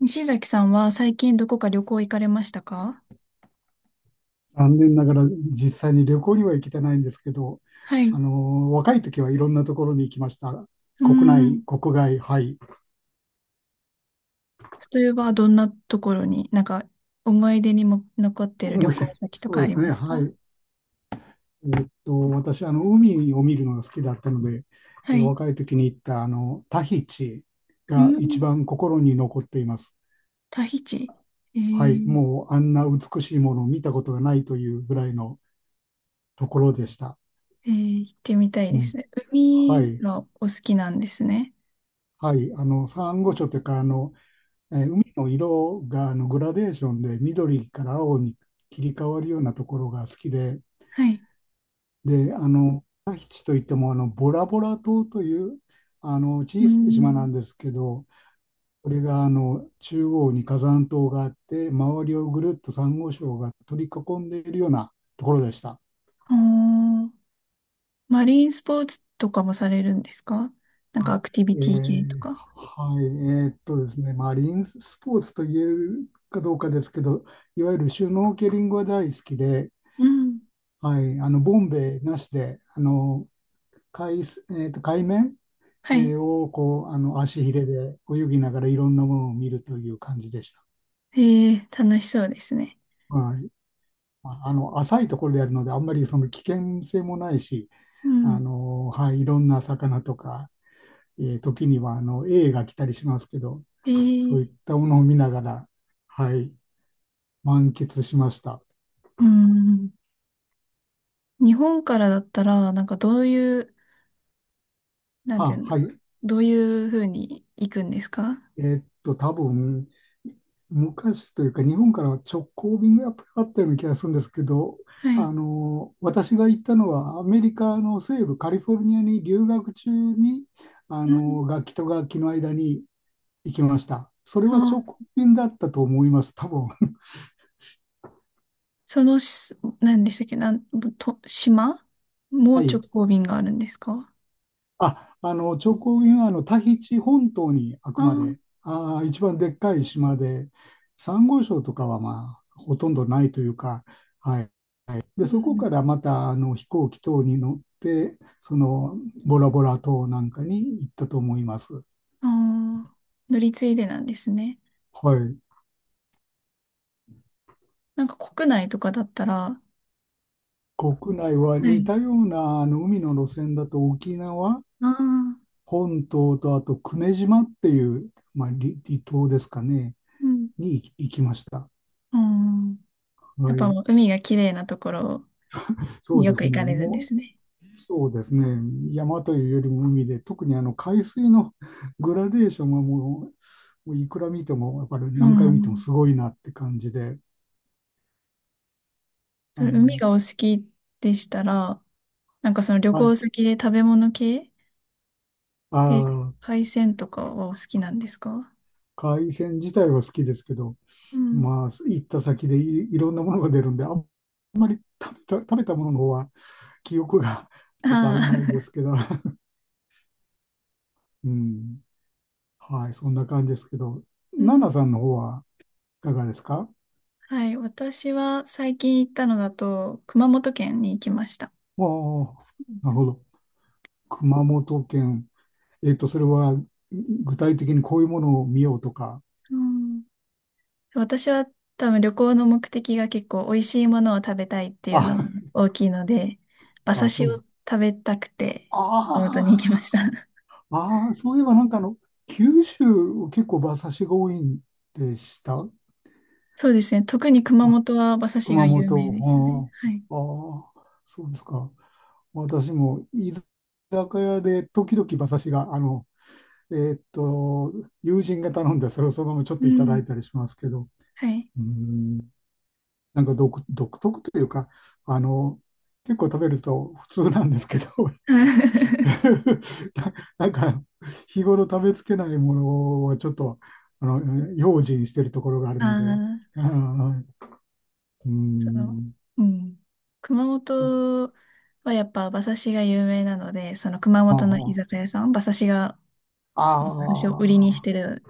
西崎さんは最近どこか旅行行かれましたか？残念ながら実際に旅行には行けてないんですけど、はい。う若い時はいろんなところに行きました。ー国内、ん。国外、はい。例えば、どんなところに、なんか、思い出にも残ってる旅思い行出、先とそうかあでりすね、ますか？はい。私、海を見るのが好きだったので、はい。若い時に行った、タヒチうーが一ん。番心に残っています。タヒチ。えはい。ー、もう、あんな美しいものを見たことがないというぐらいのところでした。行ってみたいうですん。ね。は海い。がお好きなんですね。はい。サンゴ礁というか、海の色がグラデーションで緑から青に切り替わるようなところが好きで、はい。で、タヒチといってもボラボラ島といううー小さい島なんん。ですけど、これが中央に火山島があって、周りをぐるっとサンゴ礁が取り囲んでいるようなところでした。あー、マリンスポーツとかもされるんですか？なんかあアクティえビティ系とーか。はい、ですね、マリンスポーツと言えるかどうかですけど、いわゆるシュノーケリングは大好きで、うん。はい、ボンベなしで海面、はい。をこう足ひれで泳ぎながらいろんなものを見るという感じでした。え楽しそうですね。はい、まあ浅いところでやるのであんまりその危険性もないしうん。はい、いろんな魚とか、時にはエイが来たりしますけどえそういっー、たものを見ながら、はい、満喫しました。うん。日本からだったら、なんかどういう、なんていうんだろはう。い、どういうふうに行くんですか？多分、昔というか、日本からは直行便がやっぱりあったような気がするんですけど、はい。私が行ったのは、アメリカの西部カリフォルニアに留学中に、うん。楽器と楽器の間に行きました。それは直あ、行便だったと思います、多分。そのし、何でしたっけ、なん、と、島、 もうは直い。行便があるんですか？直行便はタヒチ本島にああくあまー、で、一番でっかい島で、サンゴ礁とかはまあ、ほとんどないというか、はい。で、うそこん。からまた飛行機等に乗って、そのボラボラ島なんかに行ったと思います。ああ、乗り継いでなんですね。はい。なんか国内とかだったら、国内はは似い。たような海の路線だと沖縄ああ、本島とあと久米島っていう、まあ、離島ですかね、うん。に行きました。うん。やはっぱい。もう海が綺麗なところそにうよでくす行ね。かれるんでもすね。う、そうですね。山というよりも海で、特に海水の グラデーションはもう、もういくら見ても、やっぱりう何回見てもん。すごいなって感じで、そあれ海の、がお好きでしたら、なんかその旅はい。行先で食べ物系あであ、海鮮とかはお好きなんですか？海鮮自体は好きですけど、うん。まあ、行った先でいろんなものが出るんで、あ、食べたものの方は記憶が ちょっと曖ああ、昧で すけど、うん。はい、そんな感じですけど、うナん。ナさんの方はいかがですか？はい。私は最近行ったのだと熊本県に行きました。おー、なるほど。熊本県。えっと、それは具体的にこういうものを見ようとか。うん。私は多分旅行の目的が結構美味しいものを食べたいっていあ、うのが大きいので、馬 刺あ、そしうでをす。食べたくて熊本に行きまあした。あ、ああ、そういえばなんか九州結構馬刺しが多いんでした。そうですね。特に熊あ、本は馬刺しが熊有名ですね。本、はい。ああ、そうですか。私も居酒屋で時々馬刺しが、えーっと、友人が頼んで、それをそのままちょっうといただん。いたりしますけど、はい。うん、なんか独特というか、あの、結構食べると普通なんですけど、な、なんか、日頃食べつけないものはちょっと、用心してるところがあるあので、あ、はいうその、ん、うん。熊本はやっぱ馬刺しが有名なので、その熊あ本の居あ、酒屋さん、馬刺しを売ありにしてる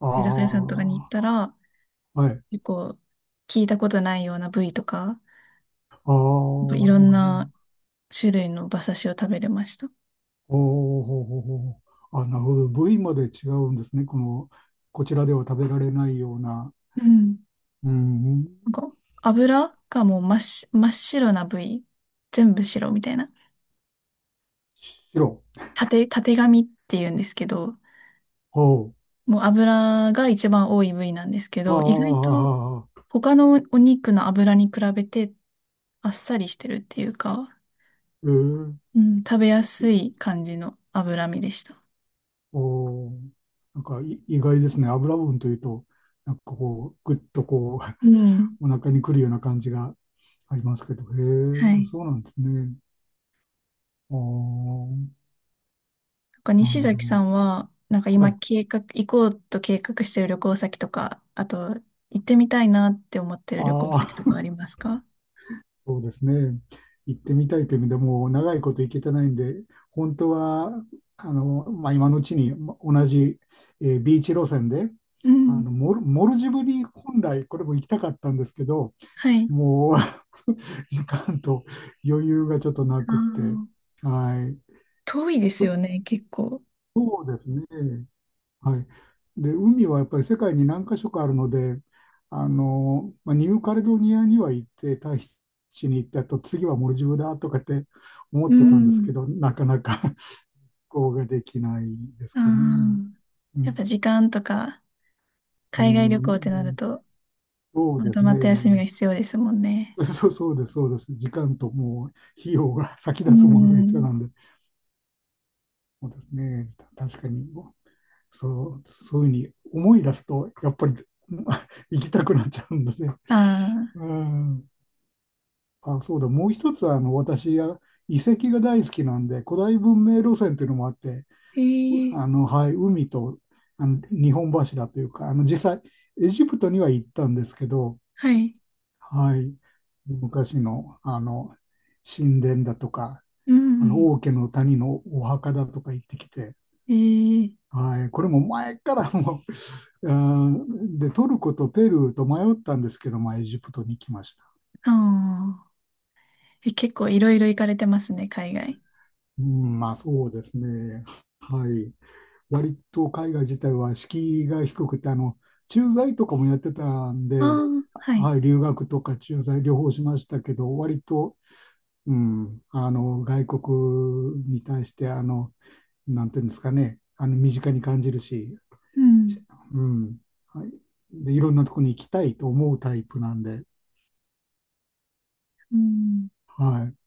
あ、居酒屋さんとかに行っああ、たら、はい、結構聞いたことないような部位とか、ああ、なんかいうろんなん種類の馬刺しを食べれました。おーほうほうほうあ、なるほど、部位まで違うんですね、この、こちらでは食べられないような、うん。うん、なんか油がもう真っ白な部位、全部白みたいな。白、たてがみって言うんですけど、ほもう油が一番多い部位なんですけう、ど、意外とああ、他のお肉の油に比べてあっさりしてるっていうか、えー、うん、食べやいすい感じの脂身でした。おー、なんか意外ですね、油分というと、なんかこう、うん。お腹にくるような感じがありますけど、へはえ、い。そうなんですね。ああ、なんかなる西ほ崎さど、んは、なんかは今い。計画、行こうと計画してる旅行先とか、あと行ってみたいなって思ってる旅行あ先あ、とかありますか？そうですね。行ってみたいという意味でもう長いこと行けてないんで、本当はまあ、今のうちに同じ、ビーチ路線でうん。モルジブに本来これも行きたかったんですけど、はい。もう 時間と余裕がちょっとなあくって、ー、はい、遠いですそよね、結構。うですね。はい。で、海はやっぱり世界に何か所かあるので、まあ、ニューカレドニアには行って、タヒチに行ってあと次はモルジブだとかって思っうてたんですけん。ど、なかなか こうができないですあかね。あ。うやっぱん、時間とか、う海外旅行ってなるん、と、そうまでとすまった休みね。が必要ですもんね。そうそうです、そうです。時間ともう費用が先う立つものが一緒ん。なんで、そうですね。確かに。そういうふうに思い出すと、やっぱり 行きたくなっちゃうんだね。あうあ、ん。あ、そうだ。もう一つは、私は遺跡が大好きなんで、古代文明路線というのもあって、ええ、はい、海と、日本柱というか、実際、エジプトには行ったんですけど、はい。はい、昔の、神殿だとか、うん。王家の谷のお墓だとか行ってきて、ええはい、これも前からもう、で、トルコとペルーと迷ったんですけど、まあ、エジプトに来ました。ああえ、結構いろいろ行かれてますね、海外。うん、まあそうですね。はい。割と海外自体は敷居が低くて、駐在とかもやってたんあで、あ、はい。はい、留学とか駐在両方しましたけど、割と、うん、外国に対して、あの、なんていうんですかね、あの、身近に感じるし、うん。うん、はい。で、いろんなとこに行きたいと思うタイプなんで、うん。はい。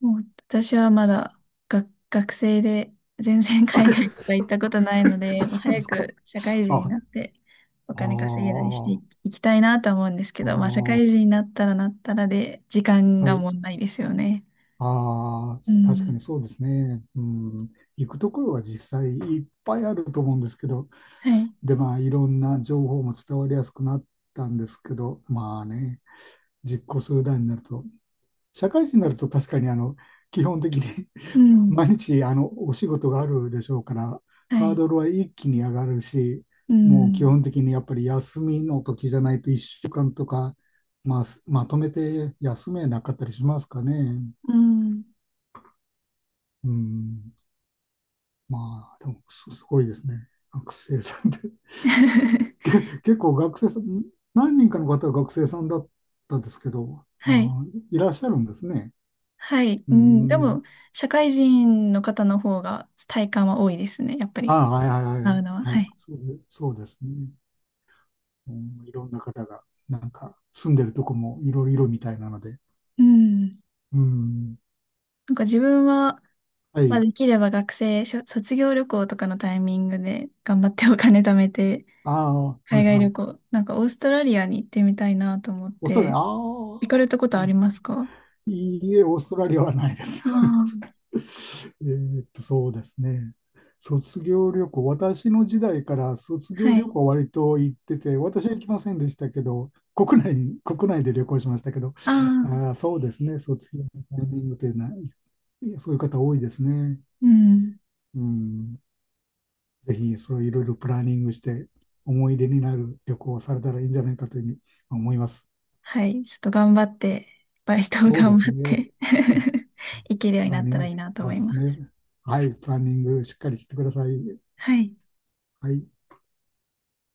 もう私はまだ学生で全然あ、海外とか行っく たことないの で、あ、もうそうで早すか。く社会人あ、にあーなってお金稼げるようにしていあきいきたいなとは思うんですけー、ど、まあ社会人あになったらなったらで時間あはがい。問題ですよね。ああ、う確かん。にそうですね。うん。行くところは実際いっぱいあると思うんですけど、はい。で、まあ、いろんな情報も伝わりやすくなったんですけど、まあね、実行する段になると、社会人になると確かに基本的にうん。毎日お仕事があるでしょうから、はハーい。ドルは一気に上がるし、うもう基ん。本的にやっぱり休みの時じゃないと1週間とか、まあ、まとめて休めなかったりしますかね。うん。うん、まあ、でもすごいですね。学生さんで。結構学生さん、何人かの方は学生さんだったんですけど、はい。いらっしゃるんですね。はい。ううん。でん。も、社会人の方の方が体感は多いですね。やっぱあり、あ、はいはいはいは会うい。のは。ははい、い。そうで、そうですね。うん、いろんな方が、なんか、住んでるとこもいろいろみたいなので。うん。うん。なんか自分は、はまあ、い。できれば学生、卒業旅行とかのタイミングで頑張ってお金貯めて、ああ、は 海い外は旅い。行、なんかオーストラリアに行ってみたいなと思っオーストラリア、て、あ行あ、かれたことありますか？いいえ、オーストラリアはないです。ああ、そうですね。卒業旅行、私の時代から卒は業い。旅行は割と行ってて、私は行きませんでしたけど、国内で旅行しましたけど、あああ、ー、そうですね、卒業のタイミングってない、そういう方多いですね。うん。うん。ぜひそれをいろいろプランニングして思い出になる旅行をされたらいいんじゃないかというふうに思います。はい。ちょっと頑張って、バイトをそうで頑す張っね。て 行けるようにプなランっニたンらグ、いいなとそ思ういですまね。す。はい、プランニングしっかりしてください。はい。はい。